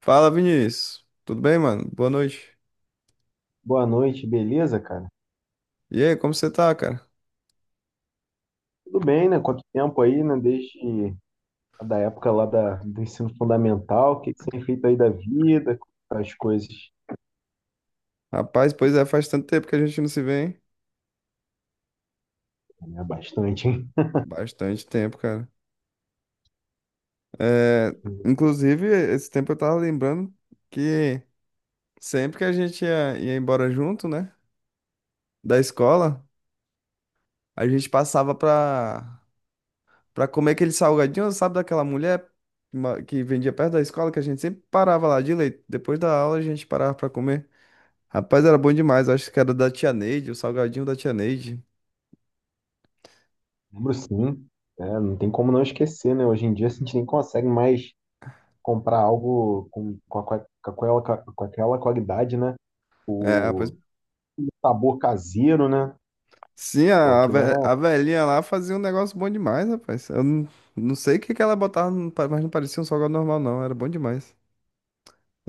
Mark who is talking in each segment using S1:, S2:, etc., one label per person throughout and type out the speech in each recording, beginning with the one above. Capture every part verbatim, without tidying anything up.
S1: Fala, Vinícius. Tudo bem, mano? Boa noite.
S2: Boa noite, beleza, cara?
S1: E aí, como você tá, cara?
S2: Tudo bem, né? Quanto tempo aí, né? Desde a da época lá da, do ensino fundamental, o que que você tem feito aí da vida, tá as coisas,
S1: Rapaz, pois é, faz tanto tempo que a gente não se vê, hein?
S2: né? Bastante, hein?
S1: Bastante tempo, cara. É, inclusive, esse tempo eu tava lembrando que sempre que a gente ia, ia embora junto, né? Da escola, a gente passava pra, pra comer aquele salgadinho, sabe, daquela mulher ma- que vendia perto da escola, que a gente sempre parava lá de leite. Depois da aula, a gente parava pra comer. Rapaz, era bom demais. Acho que era da tia Neide, o salgadinho da tia Neide.
S2: Lembro sim, né? Não tem como não esquecer, né? Hoje em dia a gente nem consegue mais comprar algo com, com, com, a- com aquela, com aquela qualidade, né?
S1: É, rapaz.
S2: O sabor caseiro, né?
S1: Sim,
S2: Pô,
S1: a, a
S2: aquilo era,
S1: ve- a velhinha lá fazia um negócio bom demais, rapaz. Eu não, não sei o que que ela botava, no pa- mas não parecia um salgado normal, não. Era bom demais.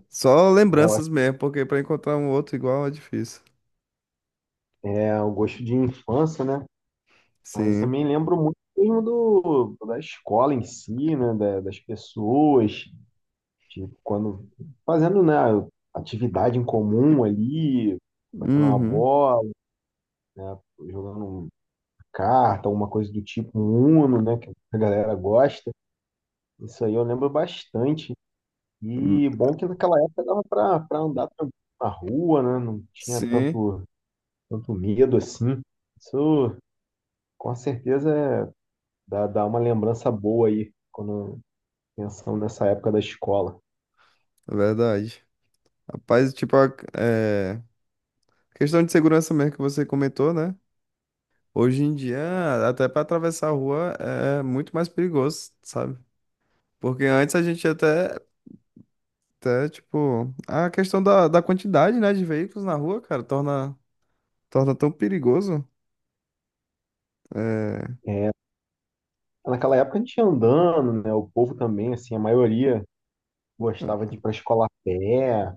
S1: Só
S2: é, eu
S1: lembranças
S2: acho-
S1: mesmo, porque pra encontrar um outro igual é difícil.
S2: é o gosto de infância, né? Mas
S1: Sim.
S2: também lembro muito mesmo do, da escola em si, né? Da- das pessoas, tipo, quando fazendo, né, atividade em comum ali, batendo uma
S1: Uhum.
S2: bola, né, jogando um- carta, alguma coisa do tipo, um Uno, né, que a galera gosta. Isso aí eu lembro bastante. E bom que naquela época dava para para andar tranquilo na rua, né? Não tinha
S1: Sim,
S2: tanto tanto medo assim. Isso com certeza é- Dá, dá uma lembrança boa aí quando pensando nessa época da escola.
S1: é verdade. Rapaz, tipo, a- é, questão de segurança mesmo que você comentou, né? Hoje em dia, até pra atravessar a rua é muito mais perigoso, sabe? Porque antes a gente até. Até, tipo, a questão da, da quantidade, né, de veículos na rua, cara, torna, torna tão perigoso. É,
S2: Naquela época a gente ia andando, né? O povo também, assim, a maioria gostava de ir para a escola a pé,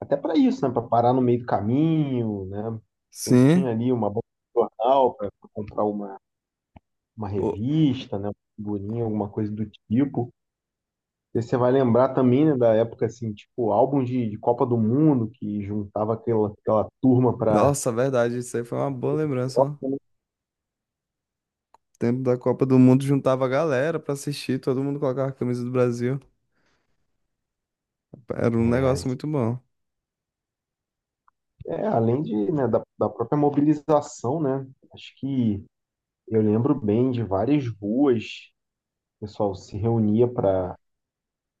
S2: até para isso, né? Para parar no meio do caminho, né? Sempre
S1: sim.
S2: tinha ali uma banca de jornal para comprar uma, uma
S1: O.
S2: revista, né? Uma figurinha, alguma coisa do tipo. E você vai lembrar também, né, da época, assim, tipo, álbum de, de Copa do Mundo, que juntava aquela, aquela turma para.
S1: Nossa, verdade, isso aí foi uma boa lembrança, ó. Tempo da Copa do Mundo juntava a galera pra assistir, todo mundo colocava a camisa do Brasil. Era um
S2: É,
S1: negócio muito bom.
S2: é, além de, né, da, da própria mobilização, né? Acho que eu lembro bem de várias ruas, o pessoal se reunia para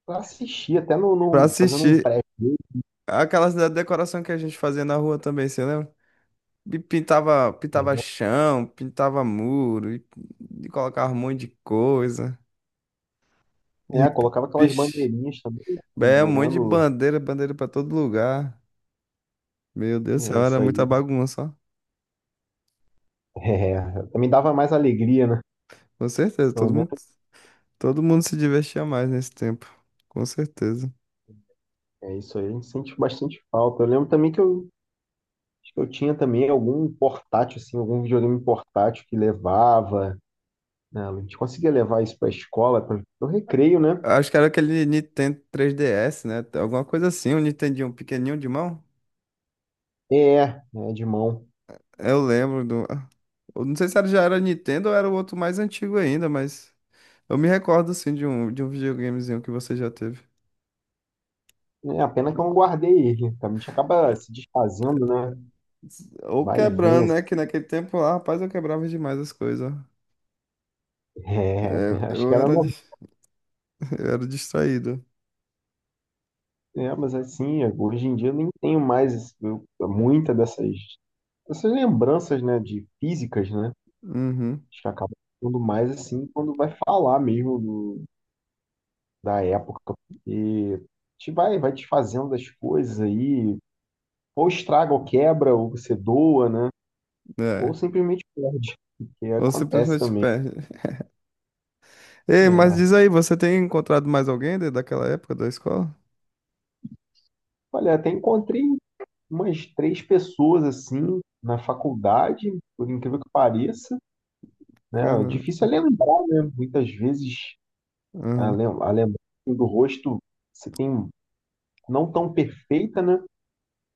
S2: assistir, até no,
S1: Pra
S2: no- fazendo um
S1: assistir,
S2: pré.
S1: aquelas da decoração que a gente fazia na rua também, você lembra? E pintava, pintava chão, pintava muro, e, e colocava um monte de coisa.
S2: É,
S1: E.
S2: colocava aquelas bandeirinhas também,
S1: É um monte de
S2: pendurando.
S1: bandeira, bandeira pra todo lugar. Meu Deus do
S2: É
S1: céu, era
S2: isso
S1: muita
S2: aí.
S1: bagunça, ó.
S2: É, também dava mais alegria, né?
S1: Com certeza,
S2: Pelo
S1: todo mundo,
S2: menos
S1: todo mundo se divertia mais nesse tempo. Com certeza.
S2: é isso aí. A gente sente bastante falta. Eu lembro também que eu, acho que eu tinha também algum portátil, assim, algum videogame portátil que levava, né? A gente conseguia levar isso para a escola, para o recreio, né?
S1: Acho que era aquele Nintendo três D S, né? Alguma coisa assim, um Nintendinho pequenininho de mão.
S2: É, é de mão.
S1: Eu lembro do... ah, eu não sei se era, já era Nintendo ou era o outro mais antigo ainda, mas... Eu me recordo, assim, de um, de um videogamezinho que você já teve.
S2: É, a pena que eu não guardei ele. A gente acaba se desfazendo, né?
S1: Ou
S2: Vai e vem
S1: quebrando,
S2: assim.
S1: né? Que naquele tempo lá, rapaz, eu quebrava demais as coisas.
S2: É,
S1: É,
S2: acho
S1: eu
S2: que era
S1: era,
S2: normal.
S1: dis- eu era distraído.
S2: É, mas assim, hoje em dia eu nem tenho mais esse- eu- muita dessas, dessas lembranças, né? De físicas, né?
S1: Uhum,
S2: Acho que acaba ficando mais assim quando vai falar mesmo do- da época. E a gente vai, vai desfazendo das coisas aí. Ou estraga, ou quebra, ou você doa, né? Ou
S1: é.
S2: simplesmente perde, que
S1: Ou
S2: acontece
S1: simplesmente
S2: também.
S1: perde. Ei, mas
S2: É.
S1: diz aí, você tem encontrado mais alguém de- daquela época da escola?
S2: Olha, até encontrei umas três pessoas assim na faculdade, por incrível que pareça, né? É
S1: Cara,
S2: difícil é lembrar, né? Muitas vezes a
S1: aham,
S2: lem- a lembrança do rosto se tem não tão perfeita, né?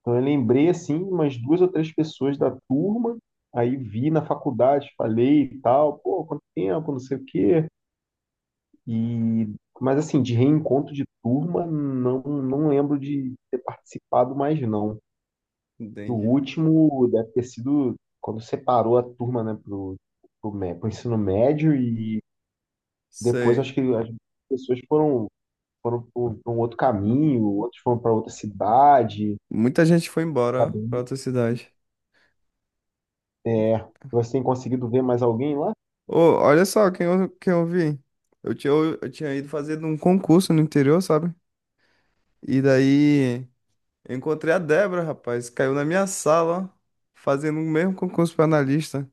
S2: Então eu lembrei assim umas duas ou três pessoas da turma, aí vi na faculdade, falei e tal, pô, quanto tempo, não sei o quê. E mas assim, de reencontro de turma, não não lembro de ter participado mais não. Que o
S1: entendi.
S2: último deve ter sido quando separou a turma, né, pro, pro, mé- pro ensino médio e depois acho
S1: Sei.
S2: que as pessoas foram foram para um outro caminho, outros foram para outra cidade.
S1: Muita gente foi embora pra outra cidade.
S2: É, você tem conseguido ver mais alguém lá?
S1: Ô, olha só quem eu, quem eu vi. Eu tinha, eu tinha ido fazer um concurso no interior, sabe? E daí eu encontrei a Débora, rapaz. Caiu na minha sala, fazendo o mesmo concurso pra analista.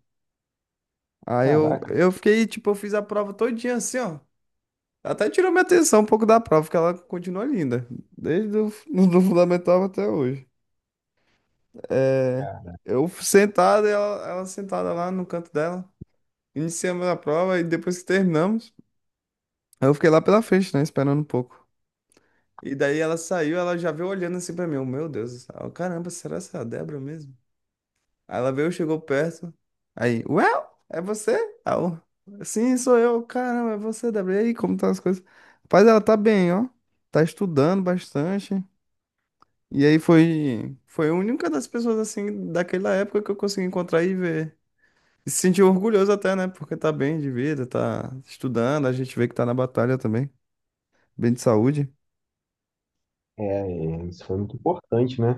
S1: Aí eu,
S2: Caraca,
S1: eu fiquei, tipo, eu fiz a prova todinha assim, ó. Até tirou minha atenção um pouco da prova, porque ela continua linda. Desde o do fundamental até hoje. É,
S2: cara,
S1: eu sentado, ela, ela sentada lá no canto dela. Iniciamos a prova e depois que terminamos, eu fiquei lá pela frente, né? Esperando um pouco. E daí ela saiu, ela já veio olhando assim pra mim. Eu, Meu Deus, eu, caramba, será essa Débora mesmo? Aí ela veio, chegou perto. Aí, well, é você? Aí eu, Sim, sou eu. Caramba, é você, Débora. E aí, como estão as coisas? Rapaz, ela tá bem, ó. Tá estudando bastante. E aí foi, foi a única das pessoas assim daquela época que eu consegui encontrar e ver. E se sentir orgulhoso até, né? Porque tá bem de vida, tá estudando, a gente vê que tá na batalha também, bem de saúde.
S2: é, é, isso foi muito importante, né?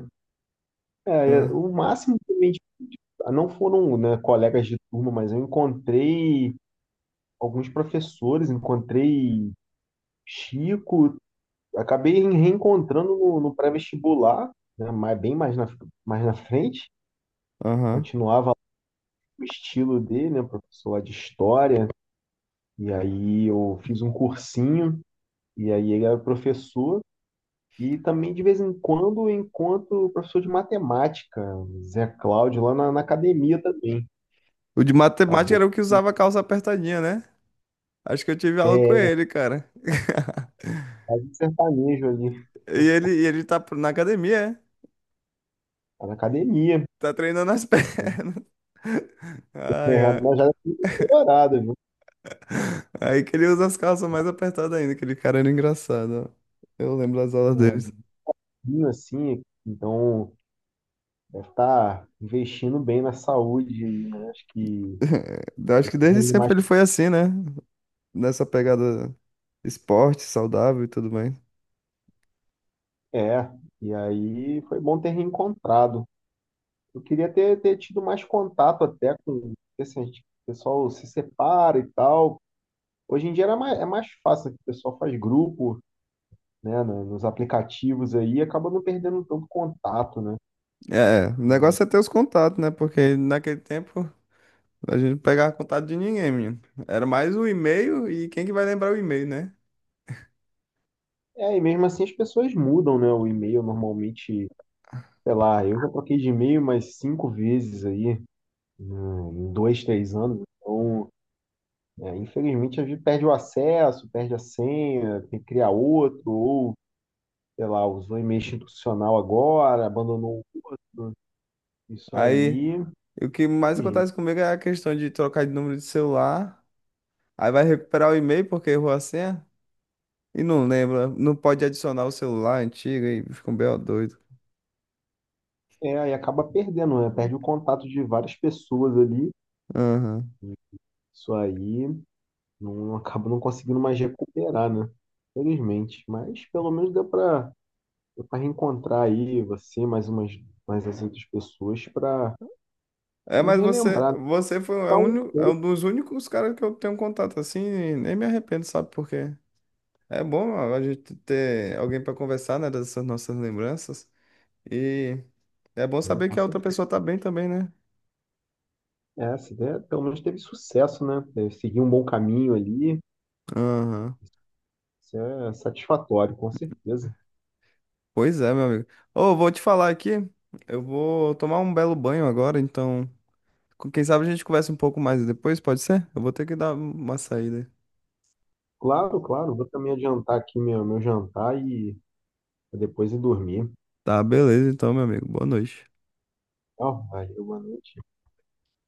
S2: É,
S1: Ah,
S2: o máximo que a gente- ah, não foram, né, colegas de turma, mas eu encontrei alguns professores, encontrei Chico, acabei reencontrando no, no pré-vestibular, né, mais- bem mais na, mais na frente.
S1: aham.
S2: Continuava o estilo dele, né, professor lá de história. E aí eu fiz um cursinho, e aí ele era professor. E também, de vez em quando, eu encontro o professor de matemática, Zé Cláudio, lá na, na academia também.
S1: O de matemática
S2: Acabou.
S1: era o que usava calça apertadinha, né? Acho que eu tive aula com
S2: É,
S1: ele, cara.
S2: faz um sertanejo ali,
S1: E ele, e ele tá na academia, é?
S2: tá na academia.
S1: Tá treinando as pernas. Ai,
S2: É,
S1: ai.
S2: mas já é colorado, viu?
S1: Aí que ele usa as calças mais apertadas ainda, aquele cara era engraçado, ó. Eu lembro das aulas dele.
S2: É, vinho assim, então deve estar investindo bem na saúde aí, né? Acho que
S1: Acho que desde
S2: ainda mais
S1: sempre ele foi assim, né? Nessa pegada esporte, saudável e tudo bem.
S2: é. E aí foi bom ter reencontrado. Eu queria ter, ter tido mais contato até com esse gente, o pessoal se separa e tal. Hoje em dia era mais, é mais fácil, que o pessoal faz grupo, né, no- nos aplicativos aí, e acaba não perdendo tanto contato, né?
S1: É, o negócio é ter os contatos, né? Porque naquele tempo a gente não pegava contato de ninguém, menino. Era mais o e-mail e quem que vai lembrar o e-mail, né?
S2: É, e mesmo assim as pessoas mudam, né, o e-mail normalmente, sei lá, eu já troquei de e-mail umas cinco vezes aí, né, em dois, três anos, então é, infelizmente, a gente perde o acesso, perde a senha, tem que criar outro, ou, sei lá, usou e-mail institucional agora, abandonou isso
S1: Aí
S2: aí,
S1: o que
S2: e,
S1: mais
S2: gente,
S1: acontece comigo é a questão de trocar de número de celular. Aí vai recuperar o e-mail porque errou a senha e não lembra. Não pode adicionar o celular antigo e fica um B O doido.
S2: é, aí acaba perdendo, né? Perde o contato de várias pessoas ali, isso aí não acaba não conseguindo mais recuperar, né? Infelizmente, mas pelo menos deu para deu para reencontrar aí você, mais umas mais as outras pessoas para
S1: É,
S2: nos
S1: mas você,
S2: relembrar, né?
S1: você foi é o
S2: Então,
S1: único, é um dos únicos caras que eu tenho contato assim, e nem me arrependo, sabe por quê? É bom a gente ter alguém para conversar, né, dessas nossas lembranças. E é bom
S2: é,
S1: saber
S2: com
S1: que a outra pessoa tá bem também, né?
S2: é, essa ideia pelo menos teve sucesso, né? É, seguir um bom caminho ali,
S1: Aham.
S2: isso é satisfatório, com certeza.
S1: Pois é, meu amigo. Ô, vou te falar aqui, eu vou tomar um belo banho agora, então, com- quem sabe a gente conversa um pouco mais depois, pode ser? Eu vou ter que dar uma saída.
S2: Claro, claro, vou também adiantar aqui meu, meu jantar e depois ir dormir.
S1: Tá, beleza, então, meu amigo. Boa noite.
S2: Tchau, valeu, boa noite.